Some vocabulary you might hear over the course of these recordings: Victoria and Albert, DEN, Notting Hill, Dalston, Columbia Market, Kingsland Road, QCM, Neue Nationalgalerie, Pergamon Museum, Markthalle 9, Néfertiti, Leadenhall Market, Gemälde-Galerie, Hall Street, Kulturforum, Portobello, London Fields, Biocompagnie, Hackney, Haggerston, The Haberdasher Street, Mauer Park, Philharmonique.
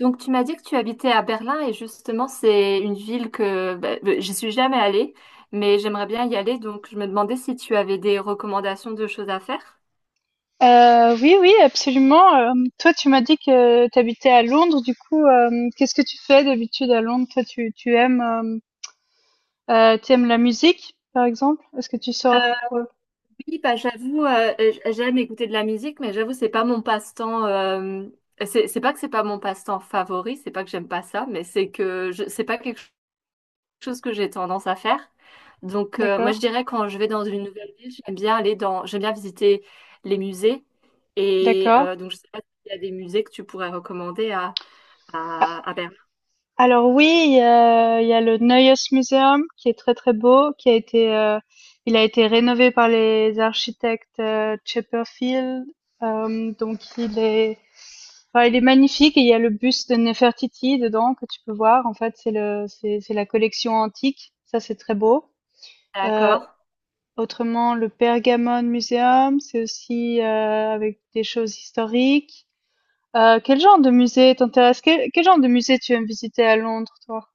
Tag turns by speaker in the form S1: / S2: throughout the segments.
S1: Donc, tu m'as dit que tu habitais à Berlin et justement, c'est une ville que j'y suis jamais allée, mais j'aimerais bien y aller. Donc, je me demandais si tu avais des recommandations de choses à faire.
S2: Oui, oui, absolument, toi, tu m'as dit que tu habitais à Londres, du coup, qu'est-ce que tu fais d'habitude à Londres? Toi, tu aimes, tu aimes la musique, par exemple? Est-ce que tu
S1: Euh,
S2: sors? Ouais,
S1: oui, bah, j'avoue, j'aime écouter de la musique, mais j'avoue, c'est pas mon passe-temps. C'est pas que c'est pas mon passe-temps favori, c'est pas que j'aime pas ça, mais c'est que c'est pas quelque chose que j'ai tendance à faire. Donc, moi, je
S2: d'accord,
S1: dirais quand je vais dans une nouvelle ville, j'aime bien visiter les musées. Et
S2: d'accord.
S1: donc, je sais pas s'il y a des musées que tu pourrais recommander
S2: A
S1: à Berlin.
S2: Alors oui, il y a le Neues Museum qui est très, très beau, qui a été, il a été rénové par les architectes, Chipperfield, hem, donc il est Enfin, il est magnifique et il y a le buste de Néfertiti dedans que tu peux voir. En fait, c'est la collection antique. Ça, c'est très beau. Euh,
S1: D'accord.
S2: Autrement, le Pergamon Museum, c'est aussi avec des choses historiques. Quel genre de musée t'intéresse? Quel genre de musée tu aimes visiter à Londres, toi?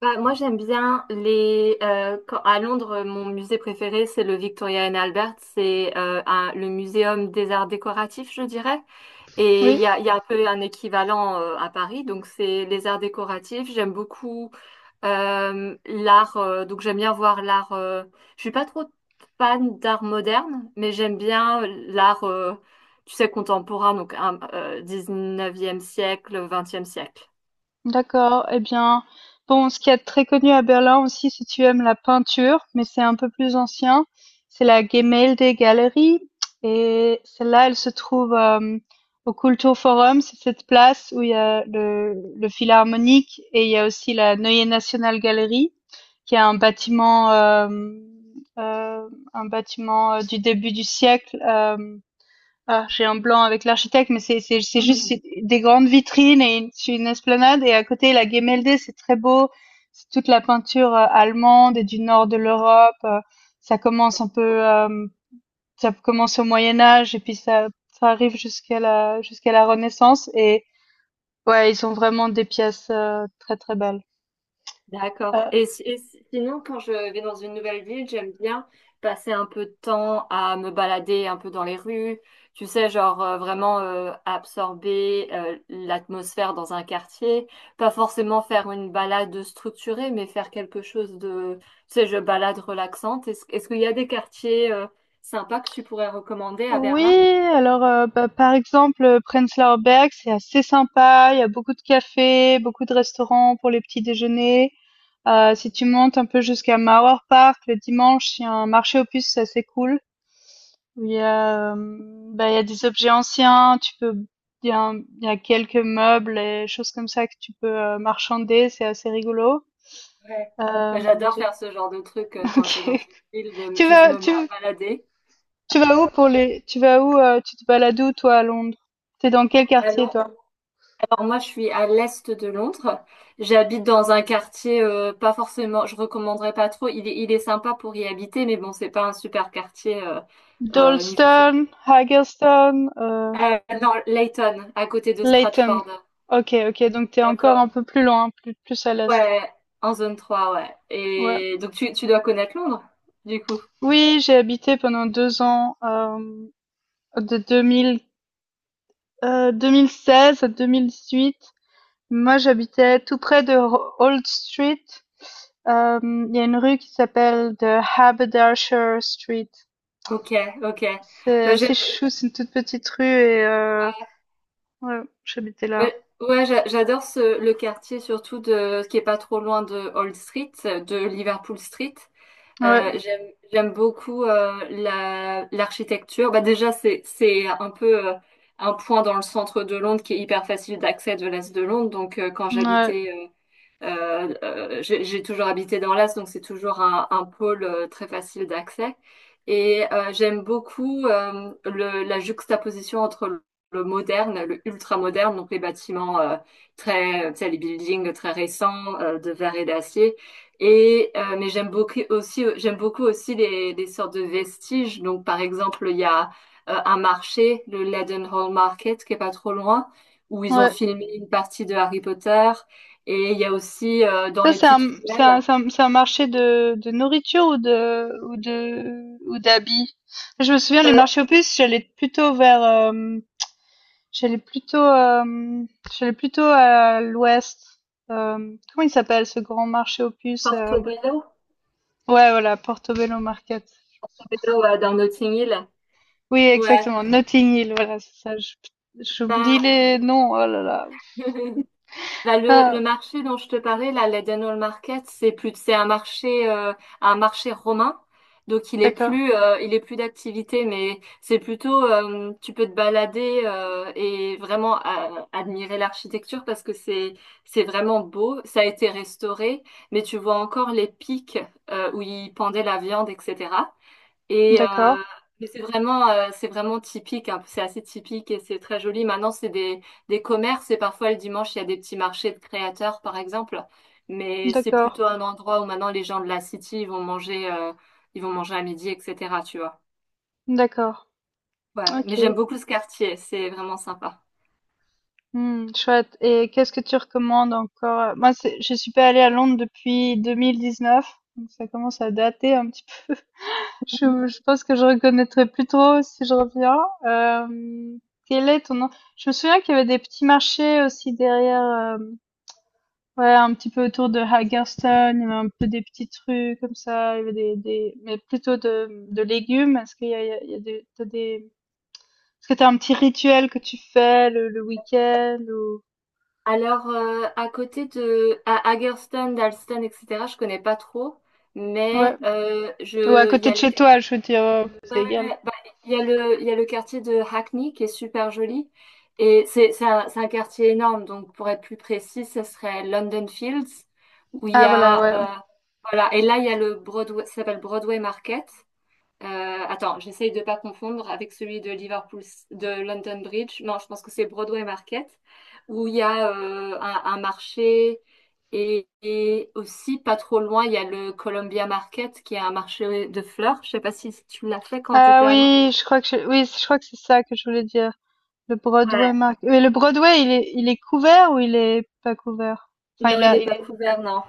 S1: Bah, moi, j'aime bien les. Quand- à Londres, mon musée préféré, c'est le Victoria and Albert. C'est le muséum des arts décoratifs, je dirais. Et
S2: Oui.
S1: il y a un peu un équivalent à Paris. Donc, c'est les arts décoratifs. J'aime beaucoup l'art. Donc, j'aime bien voir l'art. Je suis pas trop fan d'art moderne, mais j'aime bien l'art, tu sais, contemporain. Donc, 19e siècle, 20e siècle.
S2: D'accord, eh bien, bon, ce qui est très connu à Berlin aussi, si tu aimes la peinture, mais c'est un peu plus ancien, c'est la Gemälde-Galerie. Et celle-là, elle se trouve au Kulturforum, c'est cette place où il y a le Philharmonique et il y a aussi la Neue Nationalgalerie, qui est euh, un bâtiment du début du siècle. Ah, j'ai un blanc avec l'architecte, mais c'est juste c'est des grandes vitrines c'est une esplanade et à côté la Gemälde, c'est très beau. C'est toute la peinture allemande et du nord de l'Europe. Ça commence un peu, euh, ça commence au Moyen Âge et puis ça arrive jusqu'à la Renaissance et ouais, ils ont vraiment des pièces très très belles.
S1: D'accord.
S2: Euh,
S1: Et, sinon, quand je vais dans une nouvelle ville, j'aime bien passer un peu de temps à me balader un peu dans les rues, tu sais, genre vraiment absorber l'atmosphère dans un quartier, pas forcément faire une balade structurée, mais faire quelque chose de, tu sais, je balade relaxante. Est-ce qu'il y a des quartiers sympas que tu pourrais recommander à
S2: oui,
S1: Berlin?
S2: alors bah, par exemple Prenzlauer Berg, c'est assez sympa. Il y a beaucoup de cafés, beaucoup de restaurants pour les petits déjeuners. Si tu montes un peu jusqu'à Mauer Park, le dimanche, il y a un marché aux puces assez cool où il y a, bah, il y a des objets anciens, tu peux. Il y a quelques meubles et choses comme ça que tu peux, marchander, c'est assez rigolo.
S1: Ouais. Ouais,
S2: Hem,
S1: j'adore
S2: j'ai
S1: faire ce genre de truc quand je vais dans
S2: OK.
S1: une ville, de me-
S2: Tu
S1: juste
S2: vas
S1: me
S2: tu
S1: ma- balader.
S2: Tu vas où, tu te balades où toi à Londres? T'es dans quel quartier toi?
S1: Alors moi, je suis à l'est de Londres. J'habite dans un quartier, pas forcément, je recommanderais pas trop. Il est sympa pour y habiter, mais bon, c'est pas un super quartier niveau
S2: Dalston,
S1: sécurité.
S2: Haggerston,
S1: Non, Leyton, à côté de
S2: Leyton.
S1: Stratford.
S2: OK, OK, donc t'es encore
S1: D'accord.
S2: un peu plus loin, plus à l'est.
S1: Ouais, en zone 3. Ouais.
S2: Ouais.
S1: Et donc tu dois connaître Londres, du coup.
S2: Oui, j'ai habité pendant 2 ans, de 2016 à 2018. Moi, j'habitais tout près de Ho Old Street. Il y a une rue qui s'appelle The Haberdasher Street.
S1: Ok, ok.
S2: C'est
S1: Bah,
S2: assez
S1: j'aime,
S2: chou, c'est une toute petite rue et ouais, j'habitais là.
S1: ouais, j'adore le quartier surtout de, qui est pas trop loin de Old Street, de Liverpool Street.
S2: Ouais,
S1: Euh, j'aime, j'aime beaucoup l'architecture. Bah, déjà, c'est un peu un point dans le centre de Londres qui est hyper facile d'accès de l'Est de Londres. Donc, quand
S2: ouais,
S1: j'habitais j'ai toujours habité dans l'Est, donc c'est toujours un pôle très facile d'accès. Et j'aime beaucoup la juxtaposition entre le moderne, le ultra-moderne, donc les bâtiments très, tu sais, les buildings très récents de verre et d'acier. Et mais j'aime beaucoup aussi les sortes de vestiges. Donc par exemple, il y a un marché, le Leadenhall Market, qui est pas trop loin, où ils ont
S2: ouais.
S1: filmé une partie de Harry Potter. Et il y a aussi dans
S2: Ça,
S1: les
S2: c'est un
S1: petites
S2: c'est un
S1: ruelles,
S2: c'est un c'est un marché de nourriture ou de ou de ou d'habits? Je me souviens, les
S1: euh,
S2: marchés aux puces, j'allais plutôt vers, J'allais plutôt, hem, j'allais plutôt à l'ouest. Comment il s'appelle ce grand marché aux puces, hem?
S1: Portobello,
S2: Ouais, voilà, Portobello Market.
S1: Portobello, dans Notting Hill.
S2: Oui,
S1: Ouais,
S2: exactement, Notting Hill, voilà, c'est ça. J'oublie
S1: bah,
S2: les noms, oh là là.
S1: Bah, le
S2: Ah,
S1: marché dont je te parlais, là, l'Eden Hall Market, c'est un marché romain.
S2: d'accord,
S1: Il est plus d'activité, mais c'est plutôt, tu peux te balader et vraiment admirer l'architecture parce que c'est vraiment beau. Ça a été restauré, mais tu vois encore les pics où ils pendaient la viande, etc. Et euh,
S2: d'accord,
S1: mais c'est vraiment typique, hein. C'est assez typique et c'est très joli. Maintenant, des commerces et parfois le dimanche, il y a des petits marchés de créateurs, par exemple. Mais c'est
S2: d'accord,
S1: plutôt un endroit où maintenant les gens de la city ils vont manger à midi, etc. Tu vois.
S2: d'accord.
S1: Ouais, mais j'aime
S2: OK.
S1: beaucoup ce quartier, c'est vraiment sympa.
S2: Mmh, chouette, et qu'est-ce que tu recommandes encore? Moi, c'est je suis pas allée à Londres depuis 2019, donc ça commence à dater un petit. Je pense que je reconnaîtrais plutôt si je reviens. Hem, quel est ton nom Je me souviens qu'il y avait des petits marchés aussi derrière, hem, ouais, un petit peu autour de Hagerstown, il y avait un peu des petites rues comme ça, il y avait des mais plutôt de légumes. Est-ce qu'il y a il y a il y a des t'as des Est-ce que t'as un petit rituel que tu fais le week-end ou
S1: Alors, à côté de à Hagerstown, Dalston, etc., je connais pas trop,
S2: ouais,
S1: mais
S2: ou à
S1: il y
S2: côté
S1: a
S2: de
S1: le
S2: chez toi, je veux dire, c'est
S1: ouais,
S2: égal.
S1: bah, il y a le quartier de Hackney qui est super joli. Et c'est un quartier énorme. Donc, pour être plus précis, ce serait London Fields, où il y
S2: Ah voilà,
S1: a.
S2: ouais.
S1: Voilà. Et là, il y a le Broadway, ça s'appelle Broadway Market. Attends, j'essaye de ne pas confondre avec celui de Liverpool, de London Bridge. Non, je pense que c'est Broadway Market, où il y a un marché et aussi pas trop loin, il y a le Columbia Market, qui est un marché de fleurs. Je sais pas si tu l'as fait quand tu
S2: Ah
S1: étais à Londres.
S2: oui, je crois que je oui, je crois que c'est ça que je voulais dire. Le Broadway
S1: Ouais.
S2: marque, mais le Broadway, il est couvert ou il est pas couvert? Enfin,
S1: Non,
S2: il
S1: il
S2: a
S1: est
S2: il
S1: pas
S2: est
S1: couvert, non.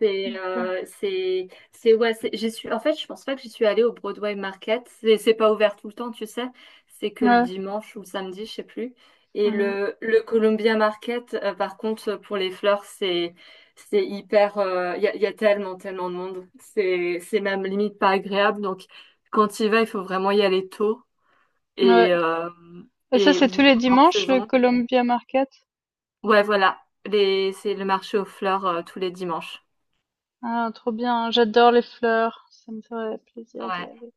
S1: J'y suis, en fait, je pense pas que j'y suis allée au Broadway Market. C'est pas ouvert tout le temps, tu sais. C'est que le
S2: Ouais.
S1: dimanche ou le samedi, je sais plus. Et
S2: Mmh.
S1: le Columbia Market, par contre, pour les fleurs, c'est hyper, y a tellement, tellement de monde. C'est même limite pas agréable. Donc, quand il va, il faut vraiment y aller tôt
S2: Ouais.
S1: et, euh,
S2: Et ça,
S1: et
S2: c'est tous
S1: ou
S2: les
S1: hors
S2: dimanches, le
S1: saison.
S2: Columbia Market?
S1: Ouais, voilà. C'est le marché aux fleurs, tous les dimanches.
S2: Ah, trop bien. J'adore les fleurs. Ça me ferait plaisir d'y
S1: Ouais.
S2: aller.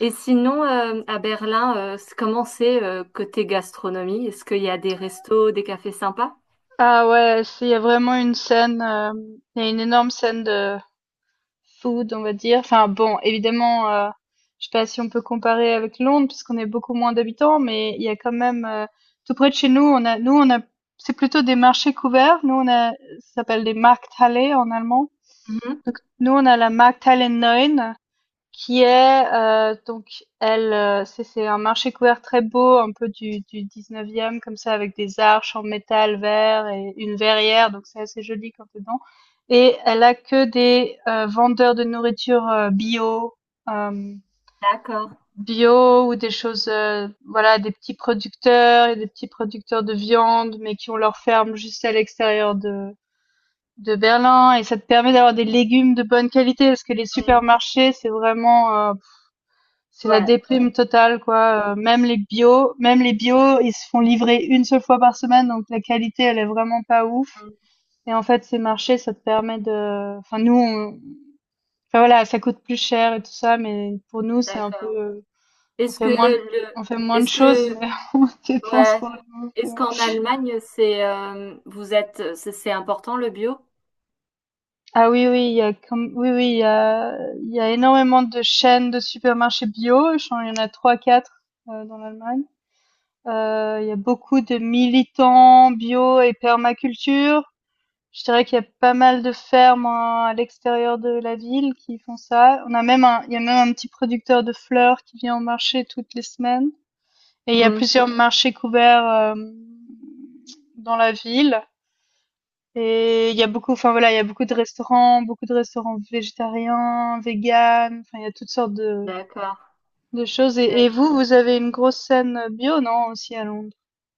S1: Et sinon, à Berlin, comment c'est côté gastronomie? Est-ce qu'il y a des restos, des cafés sympas?
S2: Ah ouais, s'il y a vraiment une scène, il y a une énorme scène de food, on va dire. Enfin bon, évidemment, je sais pas si on peut comparer avec Londres puisqu'on est beaucoup moins d'habitants, mais il y a quand même, tout près de chez nous, on a c'est plutôt des marchés couverts. Nous on a ça s'appelle des Markthalle en allemand.
S1: Mhm.
S2: Donc nous on a la Markthalle 9 qui est elle c'est un marché couvert très beau un peu du 19e comme ça avec des arches en métal vert et une verrière, donc c'est assez joli quand t'es dedans, et elle a que des vendeurs de nourriture bio euh,
S1: D'accord.
S2: bio, ou des choses voilà des petits producteurs et des petits producteurs de viande, mais qui ont leur ferme juste à l'extérieur de Berlin, et ça te permet d'avoir des légumes de bonne qualité parce que les
S1: Mm.
S2: supermarchés c'est vraiment c'est la
S1: Ouais.
S2: déprime totale quoi, même les bio, même les bio, ils se font livrer une seule fois par semaine, donc la qualité, elle est vraiment pas ouf,
S1: Mm.
S2: et en fait, ces marchés, ça te permet de enfin nous, on enfin voilà, ça coûte plus cher et tout ça, mais pour nous, c'est un
S1: D'accord.
S2: peu, on
S1: Est-ce
S2: fait
S1: que
S2: moins d
S1: le,
S2: on fait moins de
S1: est-ce
S2: choses,
S1: que,
S2: mais on dépense
S1: ouais,
S2: pour le
S1: est-ce
S2: ouais.
S1: qu'en Allemagne, c'est, vous êtes, c'est important le bio?
S2: Ah oui, oui, il y a comme oui, oui, il y a énormément de chaînes de supermarchés bio, je crois il y en a trois quatre dans l'Allemagne. Il y a beaucoup de militants bio et permaculture. Je dirais qu'il y a pas mal de fermes, hein, à l'extérieur de la ville qui font ça. On a même un Il y a même un petit producteur de fleurs qui vient au marché toutes les semaines et il y a
S1: Mm.
S2: plusieurs marchés couverts, hem, dans la ville, et il y a beaucoup enfin, voilà, il y a beaucoup de restaurants végétariens, véganes, enfin, il y a toutes sortes de
S1: D'accord.
S2: choses. Et vous, vous avez une grosse scène, bio, non, aussi à Londres?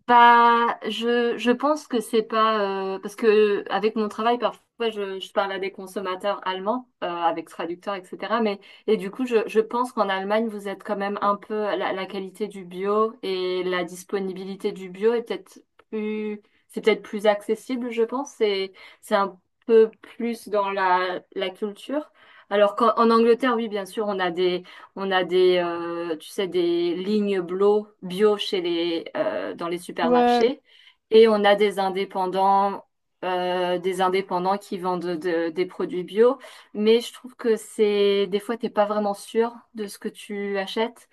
S1: Bah, je pense que c'est pas parce que avec mon travail parfois je parle à des consommateurs allemands avec traducteurs etc. Mais du coup je pense qu'en Allemagne vous êtes quand même un peu la qualité du bio et la disponibilité du bio est peut-être plus c'est peut-être plus accessible je pense c'est un peu plus dans la culture. Alors qu'en en Angleterre oui bien sûr on a des, tu sais, des lignes bio chez les, dans les
S2: Ouais,
S1: supermarchés et on a des indépendants qui vendent des produits bio. Mais je trouve que c'est des fois t'es pas vraiment sûr de ce que tu achètes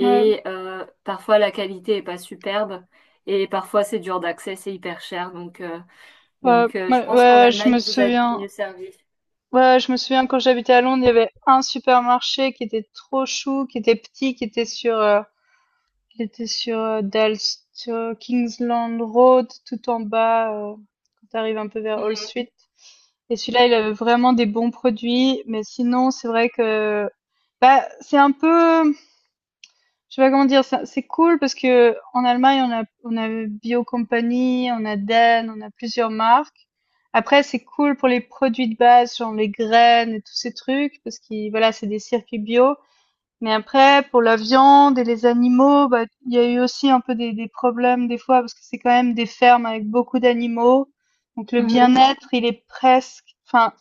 S2: ouais.
S1: parfois la qualité est pas superbe et parfois c'est dur d'accès, c'est hyper cher. Donc, euh,
S2: Ouais,
S1: donc euh, je
S2: ouais,
S1: pense qu'en
S2: ouais, je me
S1: Allemagne vous êtes
S2: souviens.
S1: mieux servi.
S2: Ouais, je me souviens quand j'habitais à Londres, il y avait un supermarché qui était trop chou, qui était petit, qui était sur, qui était sur euh, Dal- sur Kingsland Road, tout en bas, quand t'arrives un peu vers Hall
S1: Mhm.
S2: Street. Et celui-là, il avait vraiment des bons produits, mais sinon, c'est vrai que, bah, c'est un peu, je sais pas comment dire, ça c'est cool parce que en Allemagne, on a Biocompagnie, on a DEN, on a plusieurs marques. Après, c'est cool pour les produits de base, genre les graines et tous ces trucs, parce que voilà, c'est des circuits bio. Mais après, pour la viande et les animaux, bah, il y a eu aussi un peu des problèmes des fois, parce que c'est quand même des fermes avec beaucoup d'animaux. Donc le
S1: Mhm.
S2: bien-être, il est presque, enfin,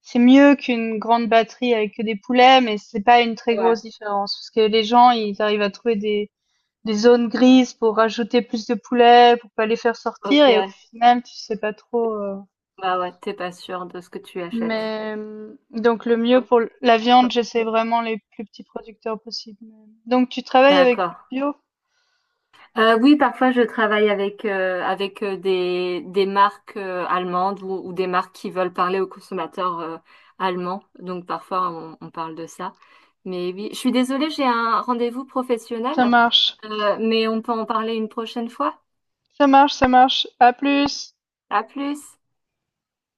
S2: c'est mieux qu'une grande batterie avec que des poulets, mais c'est pas une très
S1: Ouais.
S2: grosse différence, parce que les gens, ils arrivent à trouver des zones grises pour rajouter plus de poulets, pour pas les faire sortir.
S1: Ok.
S2: Et au final, tu sais pas trop.
S1: Bah ouais, t'es pas sûr de ce que tu achètes.
S2: Mais donc le mieux
S1: Oh,
S2: pour la viande,
S1: oh,
S2: j'essaie vraiment les plus petits producteurs possibles. Donc tu travailles avec du
S1: D'accord.
S2: bio?
S1: Oui, parfois je travaille avec des des marques allemandes ou des marques qui veulent parler aux consommateurs allemands. Donc parfois on parle de ça. Mais oui, je suis désolée, j'ai un rendez-vous
S2: Ça
S1: professionnel.
S2: marche.
S1: Mais on peut en parler une prochaine fois.
S2: Ça marche, ça marche. À plus.
S1: À plus.